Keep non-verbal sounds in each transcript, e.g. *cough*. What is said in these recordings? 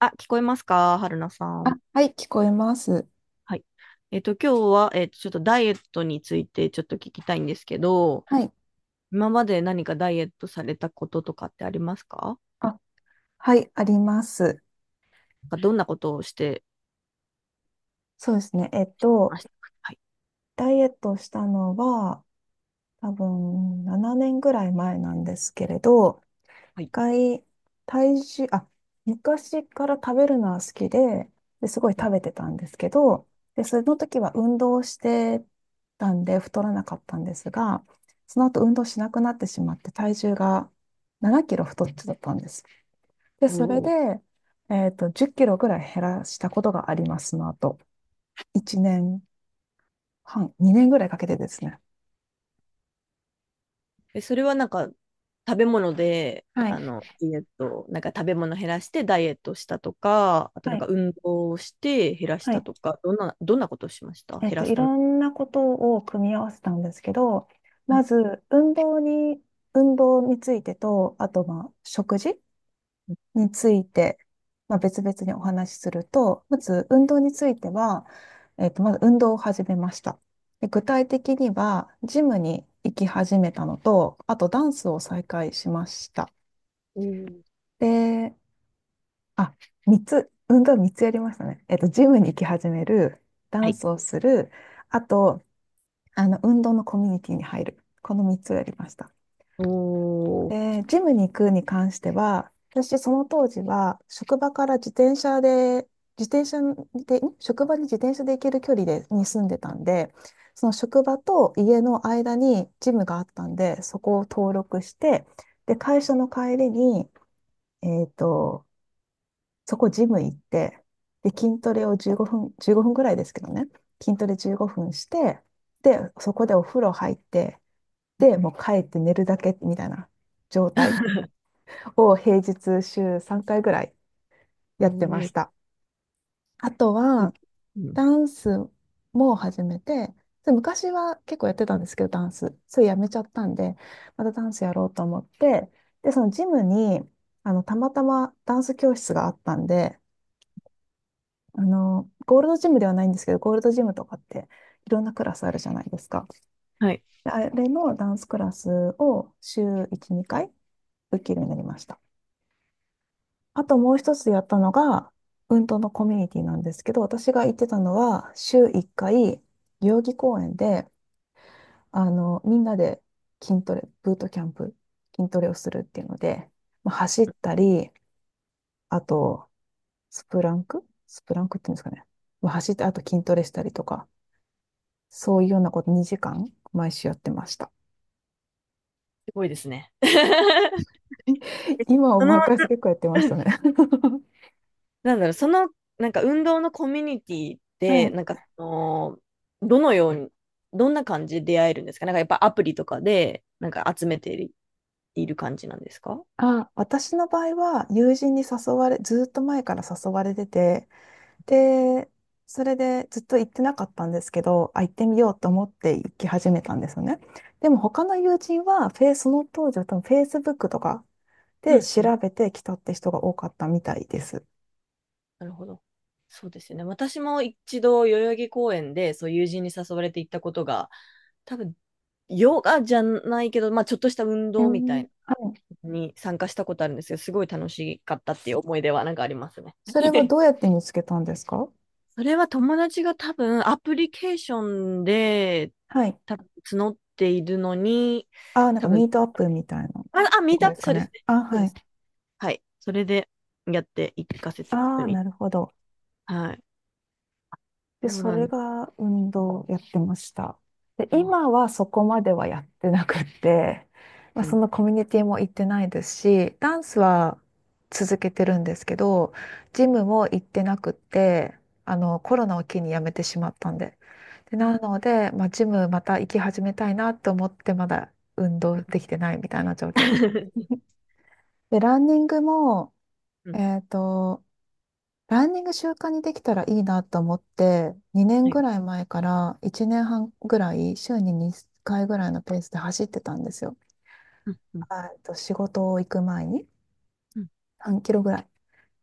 あ、聞こえますか、春菜さあ、ん。はい、聞こえます。はい。今日は、ちょっとダイエットについてちょっと聞きたいんですけど、はい。今まで何かダイエットされたこととかってありますか？あ、はい、あります。なんかどんなことをしてそうですね。ましたか？はい。ダイエットしたのは、多分7年ぐらい前なんですけれど、は一い。回、体重、昔から食べるのは好きで、で、すごいうん。食べてたんですけど、で、その時は運動してたんで太らなかったんですが、その後運動しなくなってしまって体重が7キロ太っちゃったんです。で、おそれで、ー。10キロぐらい減らしたことがあります、その後。1年半、2年ぐらいかけてですね。え、それはなんか、食べ物で、はい、ダイエット、なんか食べ物減らしてダイエットしたとか、あとはなんかい、運動をして減らしはたい。とか、どんなことをしました、減らいすため。ろんなことを組み合わせたんですけど、はまず、運動についてと、あと、まあ、食事い。について、まあ、別々にお話しすると、まず運動については、まず運動を始めました。で、具体的には、ジムに行き始めたのと、あとダンスを再開しました。おー。で、あ、3つ、運動3つやりましたね。ジムに行き始める、ダはンい。スをする、あと、運動のコミュニティに入る。この3つをやりました。おー。で、ジムに行くに関しては、私、その当時は、職場から自転車で、自転車職場に自転車で行ける距離で、に住んでたんで、その職場と家の間にジムがあったんで、そこを登録して、で、会社の帰りに、えっと、そこジム行って、で、筋トレを15分、15分ぐらいですけどね、筋トレ15分して、で、そこでお風呂入って、で、もう帰って寝るだけみたいな状態。を平日週3回ぐらいおやってまー。した。あとは、うん。ダンスも始めて、で昔は結構やってたんですけど、ダンス。それやめちゃったんで、またダンスやろうと思って、で、そのジムに、たまたまダンス教室があったんで、ゴールドジムではないんですけど、ゴールドジムとかっていろんなクラスあるじゃないですか。はい。であれのダンスクラスを週1、2回受けるようになりました。あともう一つやったのが、運動のコミュニティなんですけど、私が行ってたのは、週1回、代々木公園で、みんなで筋トレ、ブートキャンプ、筋トレをするっていうので、まあ、走ったり、あと、スプランクっていうんですかね。まあ、走って、あと筋トレしたりとか、そういうようなこと2時間、毎週やってました。すごいですね。*laughs* *laughs* 今その、思ない返すと結構やってましたね。*laughs* なんだろう、なんか運動のコミュニティはで、い。どのように、どんな感じで出会えるんですか？なんかやっぱアプリとかで、なんか集めている感じなんですか？私の場合は友人に誘われ、ずーっと前から誘われてて、で、それでずっと行ってなかったんですけど、あ、行ってみようと思って行き始めたんですよね。でも他の友人は、フェイその当時は多分 Facebook とかうでん調うん。べてきたって人が多かったみたいです。なるほど。そうですよね。私も一度、代々木公園で、そう、友人に誘われて行ったことが、多分、ヨガじゃないけど、まあ、ちょっとした運う動みん。たいはい。に参加したことあるんですけど、すごい楽しかったっていう思い出はなんかありますね。それは *laughs* どうやって見つけたんですか？それは友達が多分アプリケーションではい。多分募っているのに、ああ、なんか多ミ分、ートアップみたいなあ、ミとートかアッですプ、そかうですね。ね。あ、そうはでい。す。はい。それでやっていかせあて一緒あ、に。なるほど。はい。で、そうそなれんでが運動やってました。で、すよ。今はそこまではやってなくて、*laughs* まあ、うそん。のコミュニティも行ってないですし、ダンスは続けてるんですけど、ジムも行ってなくて、あの、コロナを機に辞めてしまったんで。で、うんなので、まあ、ジムまた行き始めたいなと思って、まだ運う動んうん。 できてないみたいな状況です。*laughs* で、ランニングも、うん。えっと、ランニング習慣にできたらいいなと思って、2年はい。ぐらい前から1年半ぐらい、週に2回ぐらいのペースで走ってたんですよ。うんうえっと、仕事を行く前にん3キロぐらい。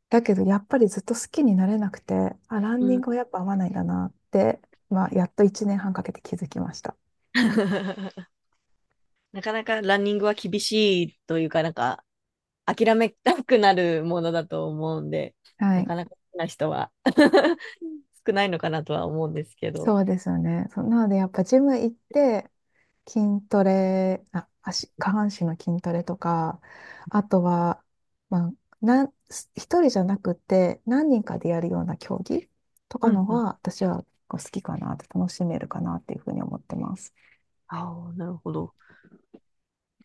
だけど、やっぱりずっと好きになれなくて、あ、ランうニンん。 グはやっぱ合わないんだなって、まあ、やっと1年半かけて気づきました。*laughs* なかなかランニングは厳しいというか、なんか、諦めたくなるものだと思うんで、はない。かなか好きな人は *laughs* 少ないのかなとは思うんですけど。そうですよね。そうなので、やっぱジム行って、筋トレ、下半身の筋トレとか、あとは、まあ、一人じゃなくて、何人かでやるような競技とうかんのうん。が、私は好きかなって、楽しめるかなっていうふうに思ってます。ああ、なるほど。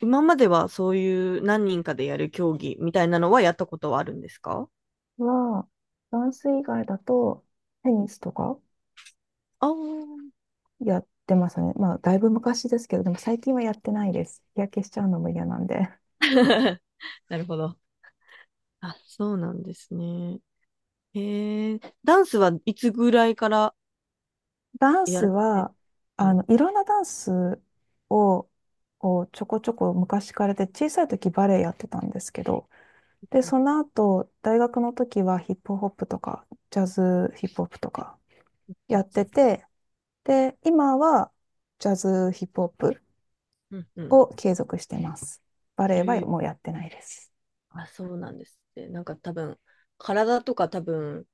今まではそういう何人かでやる競技みたいなのはやったことはあるんですか？は、ダンス以外だと、テニスとかああー。やってますね。まあ、だいぶ昔ですけど、でも最近はやってないです。日焼けしちゃうのも嫌なんで。*laughs* なるほど。あ、そうなんですね。へえ、ダンスはいつぐらいからダンやスられて。は、はい。いろんなダンスを、こうちょこちょこ昔からで、小さい時バレエやってたんですけど、で、うんその後、大学の時はヒップホップとか、ジャズヒップホップとかやっうん。てて、で、今はジャズヒップホップうんうん。を継続してます。バレエはえもうえ。やってないです。あ、そうなんですね。なんか多分、体とか多分、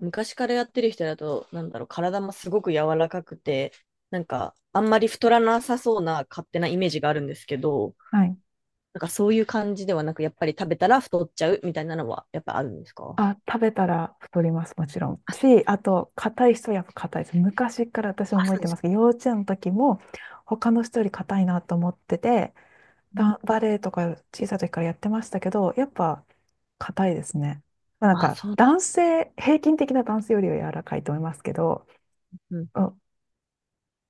昔からやってる人だと、なんだろう、体もすごく柔らかくて、なんか、あんまり太らなさそうな勝手なイメージがあるんですけど、はい。なんかそういう感じではなく、やっぱり食べたら太っちゃうみたいなのは、やっぱあるんですか？あ、食べたら太ります、もちろん。あ、し、あと、硬い人はやっぱ硬いです。昔から私あ、覚えそうてでます。すけど、幼稚園の時も、他の人より硬いなと思ってて、うん。バレエとか小さい時からやってましたけど、やっぱ硬いですね。まあなんあ、か、そう。平均的な男性よりは柔らかいと思いますけど、うん。うん、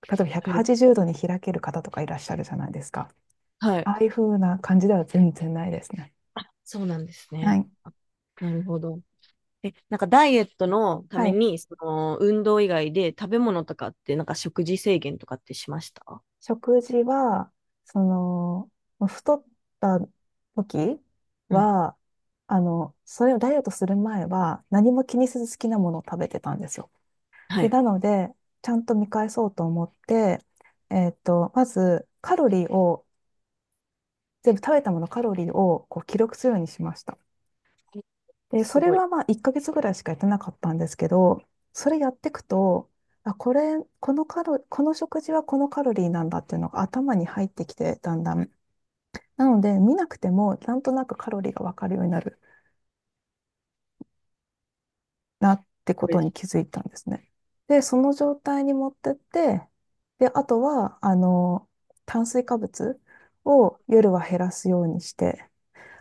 例えばはい。180度に開ける方とかいらっしゃるじゃないですか。はい。ああいう風な感じでは全然ないですね。そうなんですはね。い。あ、なるほど。え、なんかダイエットのたはめい、に、その運動以外で食べ物とかって、なんか食事制限とかってしました？食事は、その、太った時うん。は、あの、それをダイエットする前は何も気にせず好きなものを食べてたんですよ。はで、い。なので、ちゃんと見返そうと思って、まずカロリーを、全部食べたものカロリーをこう記録するようにしました。で、そすれごい。はまあ1ヶ月ぐらいしかやってなかったんですけど、それやっていくと、あ、これ、この食事はこのカロリーなんだっていうのが頭に入ってきて、だんだん。なので、見なくても、なんとなくカロリーがわかるようになるなってここれとでにす。気づいたんですね。で、その状態に持ってって、で、あとは、炭水化物を夜は減らすようにして、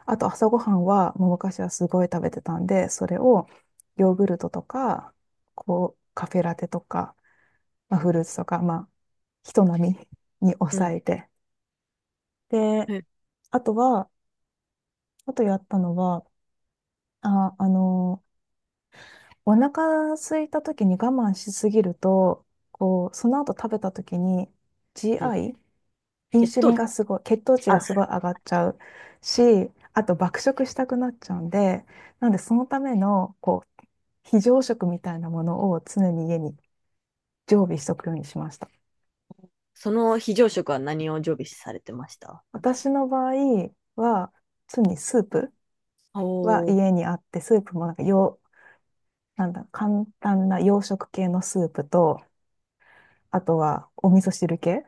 あと朝ごはんは、もう昔はすごい食べてたんで、それをヨーグルトとか、こう、カフェラテとか、まあ、フルーツとか、まあ、人並みにう抑ん。えて。で、はい。うん。あとは、あとやったのは、あ、あの、お腹空いた時に我慢しすぎると、こう、その後食べた時に GI、イン血シュリ糖ン値。がすごい、血糖値があ、すそごい上がっちゃうし、あと爆食したくなっちゃうんで、なんでそのための、こう、非常食みたいなものを常に家に常備しとくようにしました。その非常食は何を常備されてました、なんか？私の場合は、常にスープはおー。家にあって、スープもなんかよう、なんだ、簡単な洋食系のスープと、あとはお味噌汁系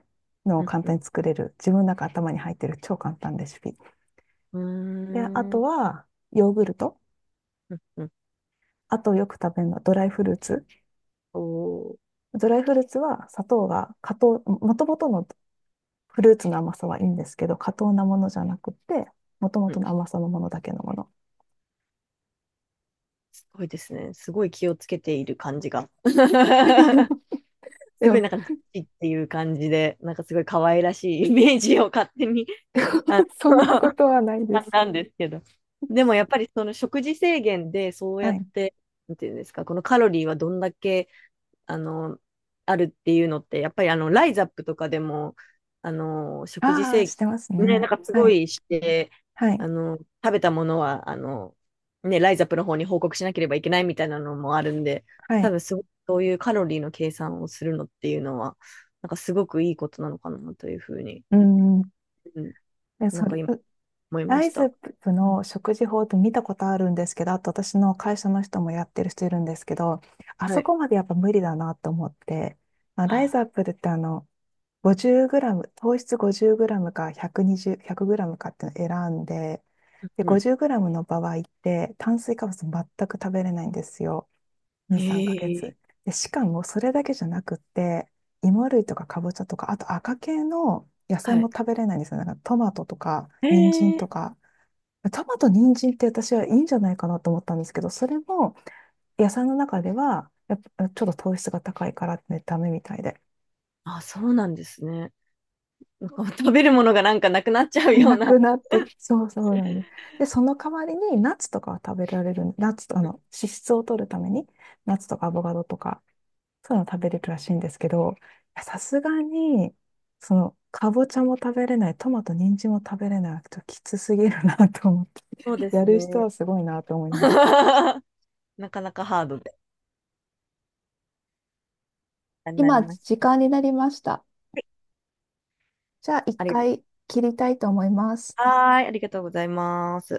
のをうん簡う単ん。に作れる、自分の中頭に入ってる超簡単レシピ。うで、あーとん。はヨーグルト。うんうん。あとよく食べるのはドライフルーツ。おー。ドライフルーツは砂糖が過糖、もともとのフルーツの甘さはいいんですけど、過糖なものじゃなくて、もともうとん。の甘さのものだけのもの。すごいですね。すごい気をつけている感じが。*laughs* *laughs* ですごいも、なんか、っていう感じで、なんかすごい可愛らしい *laughs* イメージを勝手に、あそんなこの とはないで *laughs* す。なんですけど。でもやっぱりその食事制限でそうはやっい。て、なんていうんですか、このカロリーはどんだけあの、あるっていうのって、やっぱりライザップとかでも、食事ああ、制し限、てますね、なんね。かすはごい。いして、はあい。の、食べたものは、ね、ライザップの方に報告しなければいけないみたいなのもあるんで、は多い。分すごくそういうカロリーの計算をするのっていうのは、なんかすごくいいことなのかなというふうに、うん。うん、で、なんそれ、か今思いまラしイズアた。ップうん、の食事法って見たことあるんですけど、あと私の会社の人もやってる人いるんですけど、あはそい。こまでやっぱ無理だなと思って、まあ、ライズアあップってあの、50グラム、糖質50グラムか120、100グラムかっていうのを選んで、で、ー、50グラムの場合って、炭水化物全く食べれないんですよ。う2、3ヶん。え月。え、で、しかもそれだけじゃなくって、芋類とかかぼちゃとか、あと赤系の野菜はもい。食べれないんですよ。なんかトマトとか、人参えとえ、か。トマト、人参って私はいいんじゃないかなと思ったんですけど、それも野菜の中では、やっぱちょっと糖質が高いからね、ダメみたいで。あ、そうなんですね。こう食べるものがなんかなくなっちゃ *laughs* うようなな。くなってき、そうなんです。で、その代わりにナッツとかは食べられる、ナッツとあの脂質を取るために、ナッツとかアボカドとか、そういうの食べれるらしいんですけど、いやさすがに、その、かぼちゃも食べれない、トマト、人参も食べれない、ちょっときつすぎるなと思って、そうでやする人ね。はすごいなと思いました。*laughs* なかなかハードで、あれになり今、まし時た。間になりました。じゃあ、一ありがとう。回切りたいと思います。はーい、ありがとうございます。